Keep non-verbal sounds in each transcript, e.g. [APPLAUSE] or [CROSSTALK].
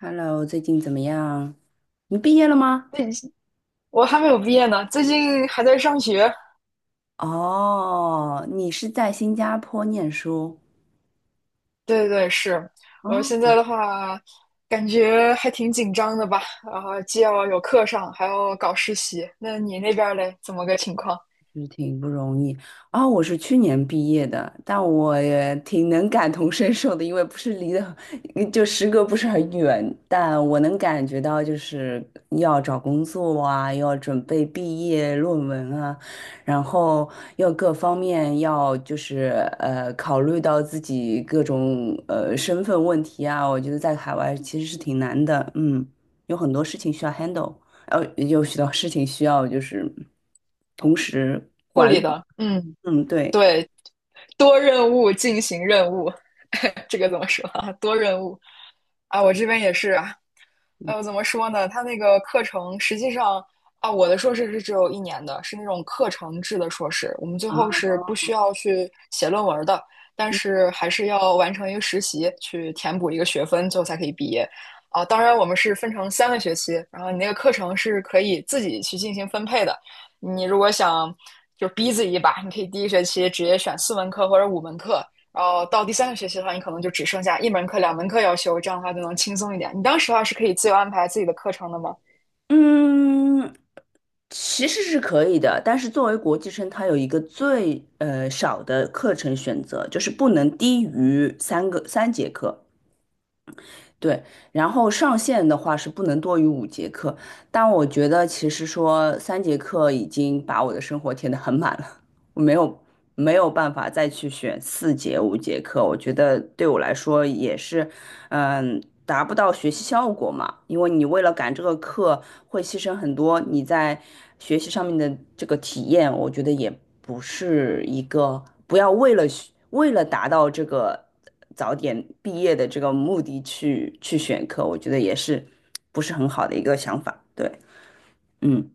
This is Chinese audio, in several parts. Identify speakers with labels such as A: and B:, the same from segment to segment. A: Hello，最近怎么样？你毕业了吗？
B: 你，我还没有毕业呢，最近还在上学。
A: 哦，你是在新加坡念书
B: 对对对，是。我
A: 哦，
B: 现在的话，感觉还挺紧张的吧？然后既要有课上，还要搞实习。那你那边儿嘞，怎么个情况？
A: 是挺不容易啊、我是去年毕业的，但我也挺能感同身受的，因为不是离的，[LAUGHS] 就时隔不是很远，但我能感觉到就是要找工作啊，要准备毕业论文啊，然后要各方面要就是呃考虑到自己各种身份问题啊，我觉得在海外其实是挺难的，嗯，有很多事情需要 handle。有许多事情需要就是同时
B: 护
A: 管
B: 理
A: 理。
B: 的，嗯，
A: 嗯，对。
B: 对，多任务进行任务，[LAUGHS] 这个怎么说啊多任务啊，我这边也是，怎么说呢？它那个课程实际上啊，我的硕士是只有一年的，是那种课程制的硕士。我们最
A: 啊，
B: 后是不需要去写论文的，但是还是要完成一个实习，去填补一个学分，最后才可以毕业。啊，当然我们是分成三个学期，然后你那个课程是可以自己去进行分配的。你如果想就逼自己一把，你可以第一学期直接选4门课或者5门课，然后到第三个学期的话，你可能就只剩下1门课、2门课要修，这样的话就能轻松一点。你当时的话是可以自由安排自己的课程的吗？
A: 嗯，其实是可以的，但是作为国际生，它有一个最少的课程选择，就是不能低于三节课。对，然后上限的话是不能多于五节课，但我觉得其实说三节课已经把我的生活填得很满了。我没有办法再去选四节五节课，我觉得对我来说也是，嗯，达不到学习效果嘛。因为你为了赶这个课，会牺牲很多你在学习上面的这个体验，我觉得也不是一个不要为了达到这个早点毕业的这个目的去选课，我觉得也是不是很好的一个想法。对，嗯。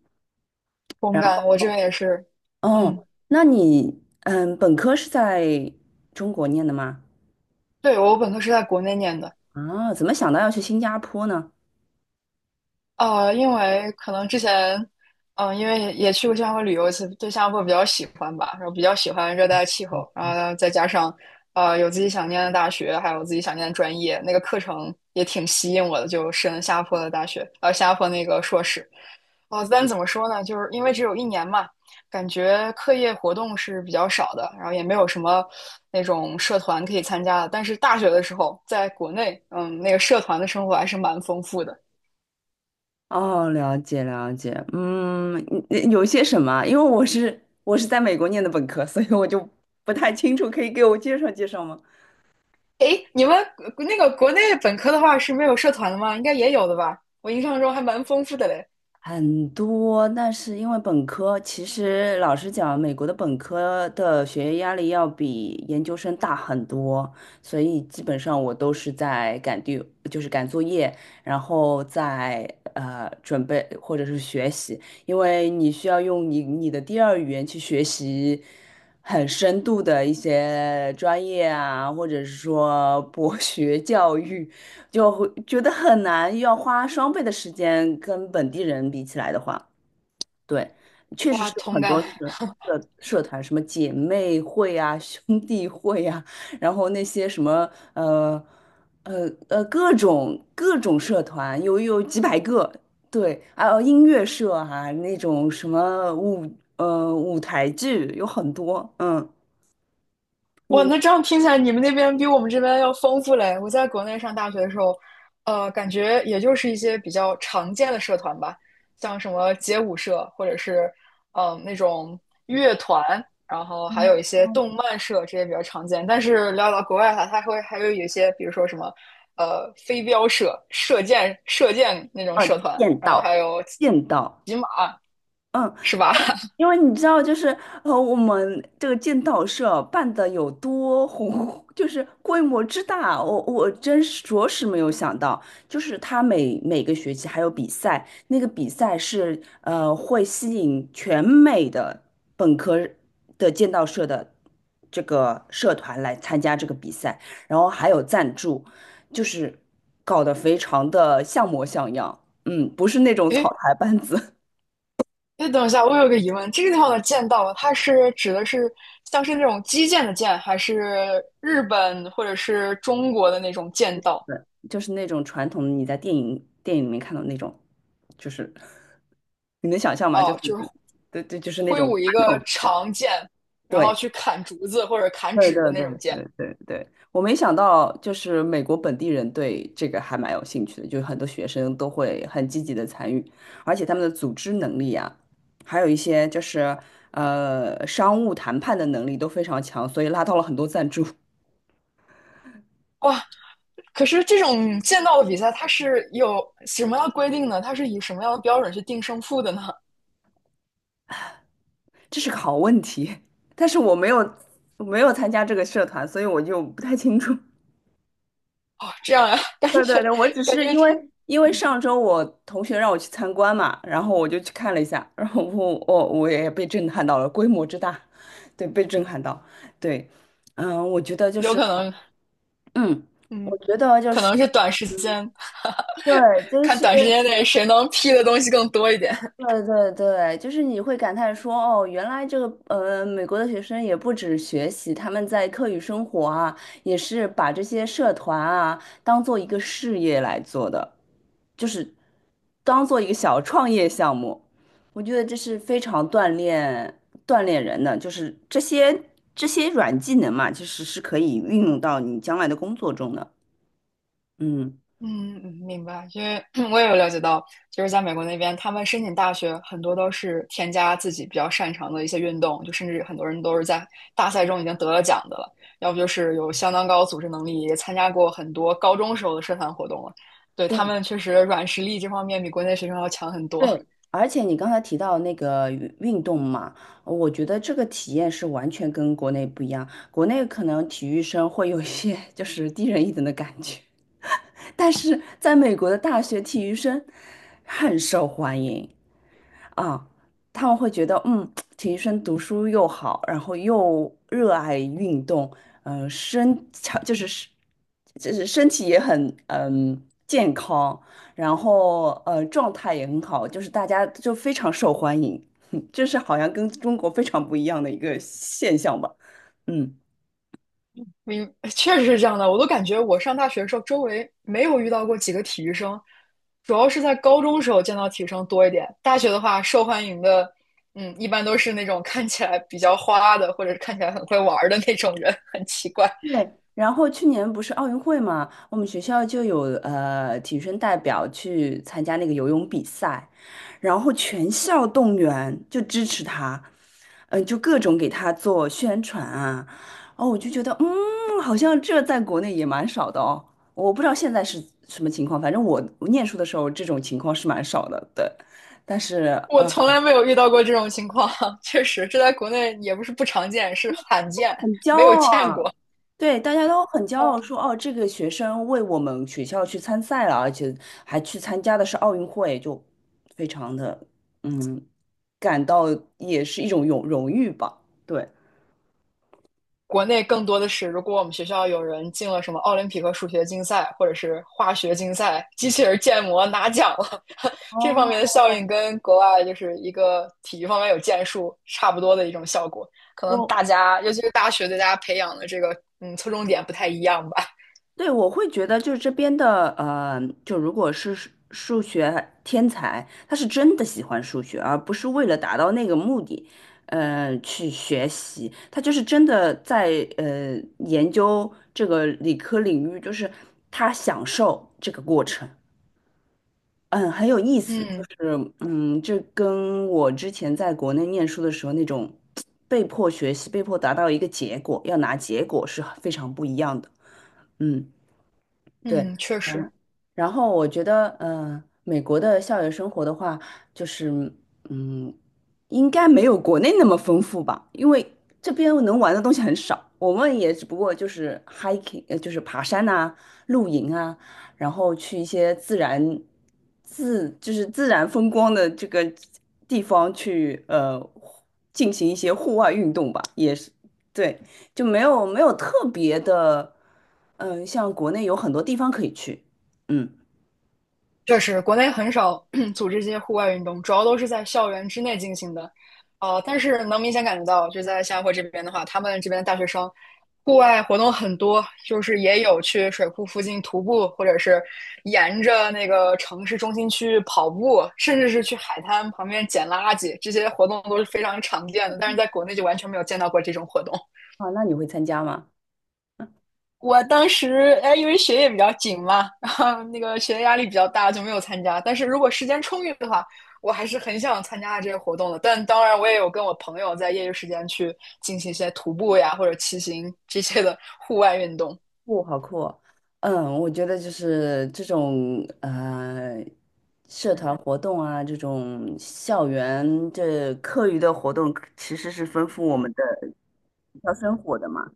B: 同干，我这边也是，嗯，
A: 哦，那你嗯，本科是在中国念的吗？
B: 对，我本科是在国内念的，
A: 啊，怎么想到要去新加坡呢？
B: 因为可能之前，因为也去过新加坡旅游1次，对新加坡比较喜欢吧，然后比较喜欢热带气候，然后再加上，有自己想念的大学，还有自己想念的专业，那个课程也挺吸引我的，就申了新加坡的大学，新加坡那个硕士。啊，但怎么说呢？就是因为只有一年嘛，感觉课业活动是比较少的，然后也没有什么那种社团可以参加的。但是大学的时候，在国内，嗯，那个社团的生活还是蛮丰富的。
A: 哦，了解了解，嗯，你有些什么？因为我在美国念的本科，所以我就不太清楚，可以给我介绍介绍吗？
B: 诶，你们那个国内本科的话是没有社团的吗？应该也有的吧？我印象中还蛮丰富的嘞。
A: 很多，但是因为本科，其实老实讲，美国的本科的学业压力要比研究生大很多，所以基本上我都是在就是赶作业，然后在准备或者是学习，因为你需要用你的第二语言去学习很深度的一些专业啊，或者是说博学教育。就会觉得很难，要花双倍的时间跟本地人比起来的话，对，确实
B: 哇，
A: 是有
B: 同
A: 很多
B: 感。
A: 社团，什么姐妹会啊、兄弟会啊，然后那些什么各种各种社团，有几百个，对，还有音乐社啊，那种什么舞台剧有很多，嗯，你
B: 哇，
A: 呢
B: 那这样听起来，你们那边比我们这边要丰富嘞。我在国内上大学的时候，感觉也就是一些比较常见的社团吧，像什么街舞社，或者是那种乐团，然后还有一些动漫社，这些比较常见。但是聊到国外的话，它会还会有一些，比如说什么飞镖社、射箭那种
A: 呃
B: 社团，
A: 见
B: 然后还
A: 到
B: 有
A: 见到，
B: 骑马，
A: 嗯。
B: 是吧？
A: 因为你知道，就是我们这个剑道社办的有多红，就是规模之大，我真是着实没有想到，就是他每个学期还有比赛，那个比赛是会吸引全美的本科的剑道社的这个社团来参加这个比赛，然后还有赞助，就是搞得非常的像模像样，嗯，不是那种草
B: [LAUGHS]
A: 台班子。
B: 哎，等一下，我有个疑问，这个地方的剑道，它是指的是像是那种击剑的剑，还是日本或者是中国的那种剑道？
A: 对，就是那种传统的你在电影里面看到那种，就是 [LAUGHS] 你能想象吗？就
B: 哦，就是
A: 是对对，就是那
B: 挥
A: 种
B: 舞一
A: 传
B: 个
A: 统的。
B: 长剑，然后
A: 对
B: 去砍竹子或者砍
A: 对
B: 纸
A: 对
B: 的那
A: 对
B: 种剑。
A: 对对对，我没想到，就是美国本地人对这个还蛮有兴趣的，就是很多学生都会很积极的参与，而且他们的组织能力啊，还有一些就是商务谈判的能力都非常强，所以拉到了很多赞助。
B: 哇，可是这种剑道的比赛，它是有什么样的规定呢？它是以什么样的标准去定胜负的呢？
A: 这是个好问题，[LAUGHS] 但是我没有参加这个社团，所以我就不太清楚。[LAUGHS]
B: 哦，这样呀，[LAUGHS] 感
A: 对
B: 觉
A: 对对，我只是因
B: 真
A: 为因为上周我同学让我去参观嘛，然后我就去看了一下，然后我也被震撼到了，规模之大，对，被震撼到，对，嗯，我觉得就
B: 有
A: 是，
B: 可能，
A: 嗯，
B: 嗯，
A: 我觉得就
B: 可
A: 是。
B: 能是短时间。
A: 对，就
B: 看
A: 是
B: 短时间内谁能批的东西更多一点。
A: 对对对，就是你会感叹说，哦，原来这个，美国的学生也不止学习，他们在课余生活啊，也是把这些社团啊当做一个事业来做的，就是当做一个小创业项目。我觉得这是非常锻炼人的，就是这些软技能嘛，其实是可以运用到你将来的工作中的。嗯，
B: [LAUGHS] 嗯，明白。因为我也有了解到，就是在美国那边，他们申请大学很多都是添加自己比较擅长的一些运动，就甚至很多人都是在大赛中已经得了奖的了，要不就是有相当高组织能力，也参加过很多高中时候的社团活动了。对，他
A: 对。
B: 们确实软实力这方面比国内学生要强很多。
A: 对，而且你刚才提到那个运动嘛，我觉得这个体验是完全跟国内不一样。国内可能体育生会有一些 [LAUGHS] 就是低人一等的感觉，但是在美国的大学体育生很受欢迎，啊，他们会觉得，嗯，体育生读书又好，然后又热爱运动，嗯，身强就是是就是身体也很健康，然后状态也很好，就是大家就非常受欢迎，[LAUGHS] 这是好像跟中国非常不一样的一个现象吧，嗯。
B: [LAUGHS] 确实是这样的。我都感觉我上大学的时候，周围没有遇到过几个体育生，主要是在高中时候见到体育生多一点。大学的话，受欢迎的，嗯，一般都是那种看起来比较花的，或者是看起来很会玩儿的那种人，[LAUGHS] 很奇怪。
A: 对，然后去年不是奥运会嘛，我们学校就有体育生代表去参加那个游泳比赛，然后全校动员就支持他，嗯、就各种给他做宣传啊，哦，我就觉得嗯，好像这在国内也蛮少的哦，我不知道现在是什么情况，反正我念书的时候这种情况是蛮少的，对，但是。
B: 我从来没有遇到过这种情况，[LAUGHS] 确实，这在国内也不是不常见，是罕见，
A: 很骄
B: 没有
A: 傲
B: 见
A: 啊，
B: 过。
A: 对，大家都很骄傲说，哦，这个学生为我们学校去参赛了，而且还去参加的是奥运会，就非常的嗯，感到也是一种荣誉吧。对，
B: 国内更多的是，如果我们学校有人进了什么奥林匹克数学竞赛或者是化学竞赛，机器人建模拿奖了，[LAUGHS] 这方面的效应跟国外就是一个体育方面有建树差不多的一种效果。可能
A: 我
B: 大家，尤其是大学对大家培养的这个侧重点不太一样吧。
A: 对，我会觉得就是这边的，呃，就如果是数学天才，他是真的喜欢数学，而不是为了达到那个目的，去学习，他就是真的在研究这个理科领域，就是他享受这个过程，嗯，很有意思，就
B: 嗯
A: 是嗯，这跟我之前在国内念书的时候那种被迫学习、被迫达到一个结果，要拿结果是非常不一样的，嗯。对，
B: 嗯，确
A: 然
B: 实。
A: 后然后我觉得，嗯、美国的校园生活的话，就是，嗯，应该没有国内那么丰富吧，因为这边能玩的东西很少，我们也只不过就是 hiking，呃，就是爬山呐、露营啊，然后去一些自然自就是自然风光的这个地方去，呃，进行一些户外运动吧，也是，对，就没有特别的。嗯，呃像国内有很多地方可以去，嗯，
B: 确实，国内很少 [CLEARS THROAT] 组织这些户外运动，主要都是在校园之内进行的。但是能明显感觉到，就在新加坡这边的话，他们这边的大学生户外活动很多，就是也有去水库附近徒步，或者是沿着那个城市中心区跑步，甚至是去海滩旁边捡垃圾，这些活动都是非常常见的。但是在国内就完全没有见到过这种活动。
A: 啊，那你会参加吗？
B: 我当时哎，因为学业比较紧嘛，然后那个学业压力比较大，就没有参加。但是如果时间充裕的话，我还是很想参加这个活动的。但当然，我也有跟我朋友在业余时间去进行一些徒步呀，或者骑行这些的户外运动。
A: 不，好酷哦嗯，我觉得就是这种，社团活动啊，这种校园这课余的活动，其实是丰富我们的学校生活的嘛，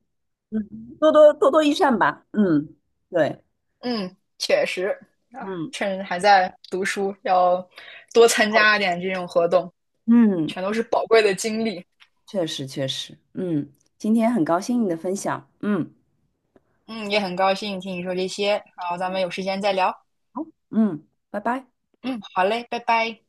A: 嗯，多多益善吧，嗯，对，
B: 嗯，确实啊，
A: 嗯，
B: 趁还在读书，要多参
A: 好的
B: 加一点这种活动，
A: 嗯，
B: 全都是宝贵的经历。
A: 确实确实，嗯，今天很高兴你的分享，嗯，
B: 嗯，也很高兴听你说这些，然后咱们有时间再聊。
A: 好，嗯，拜拜。
B: 嗯，好嘞，拜拜。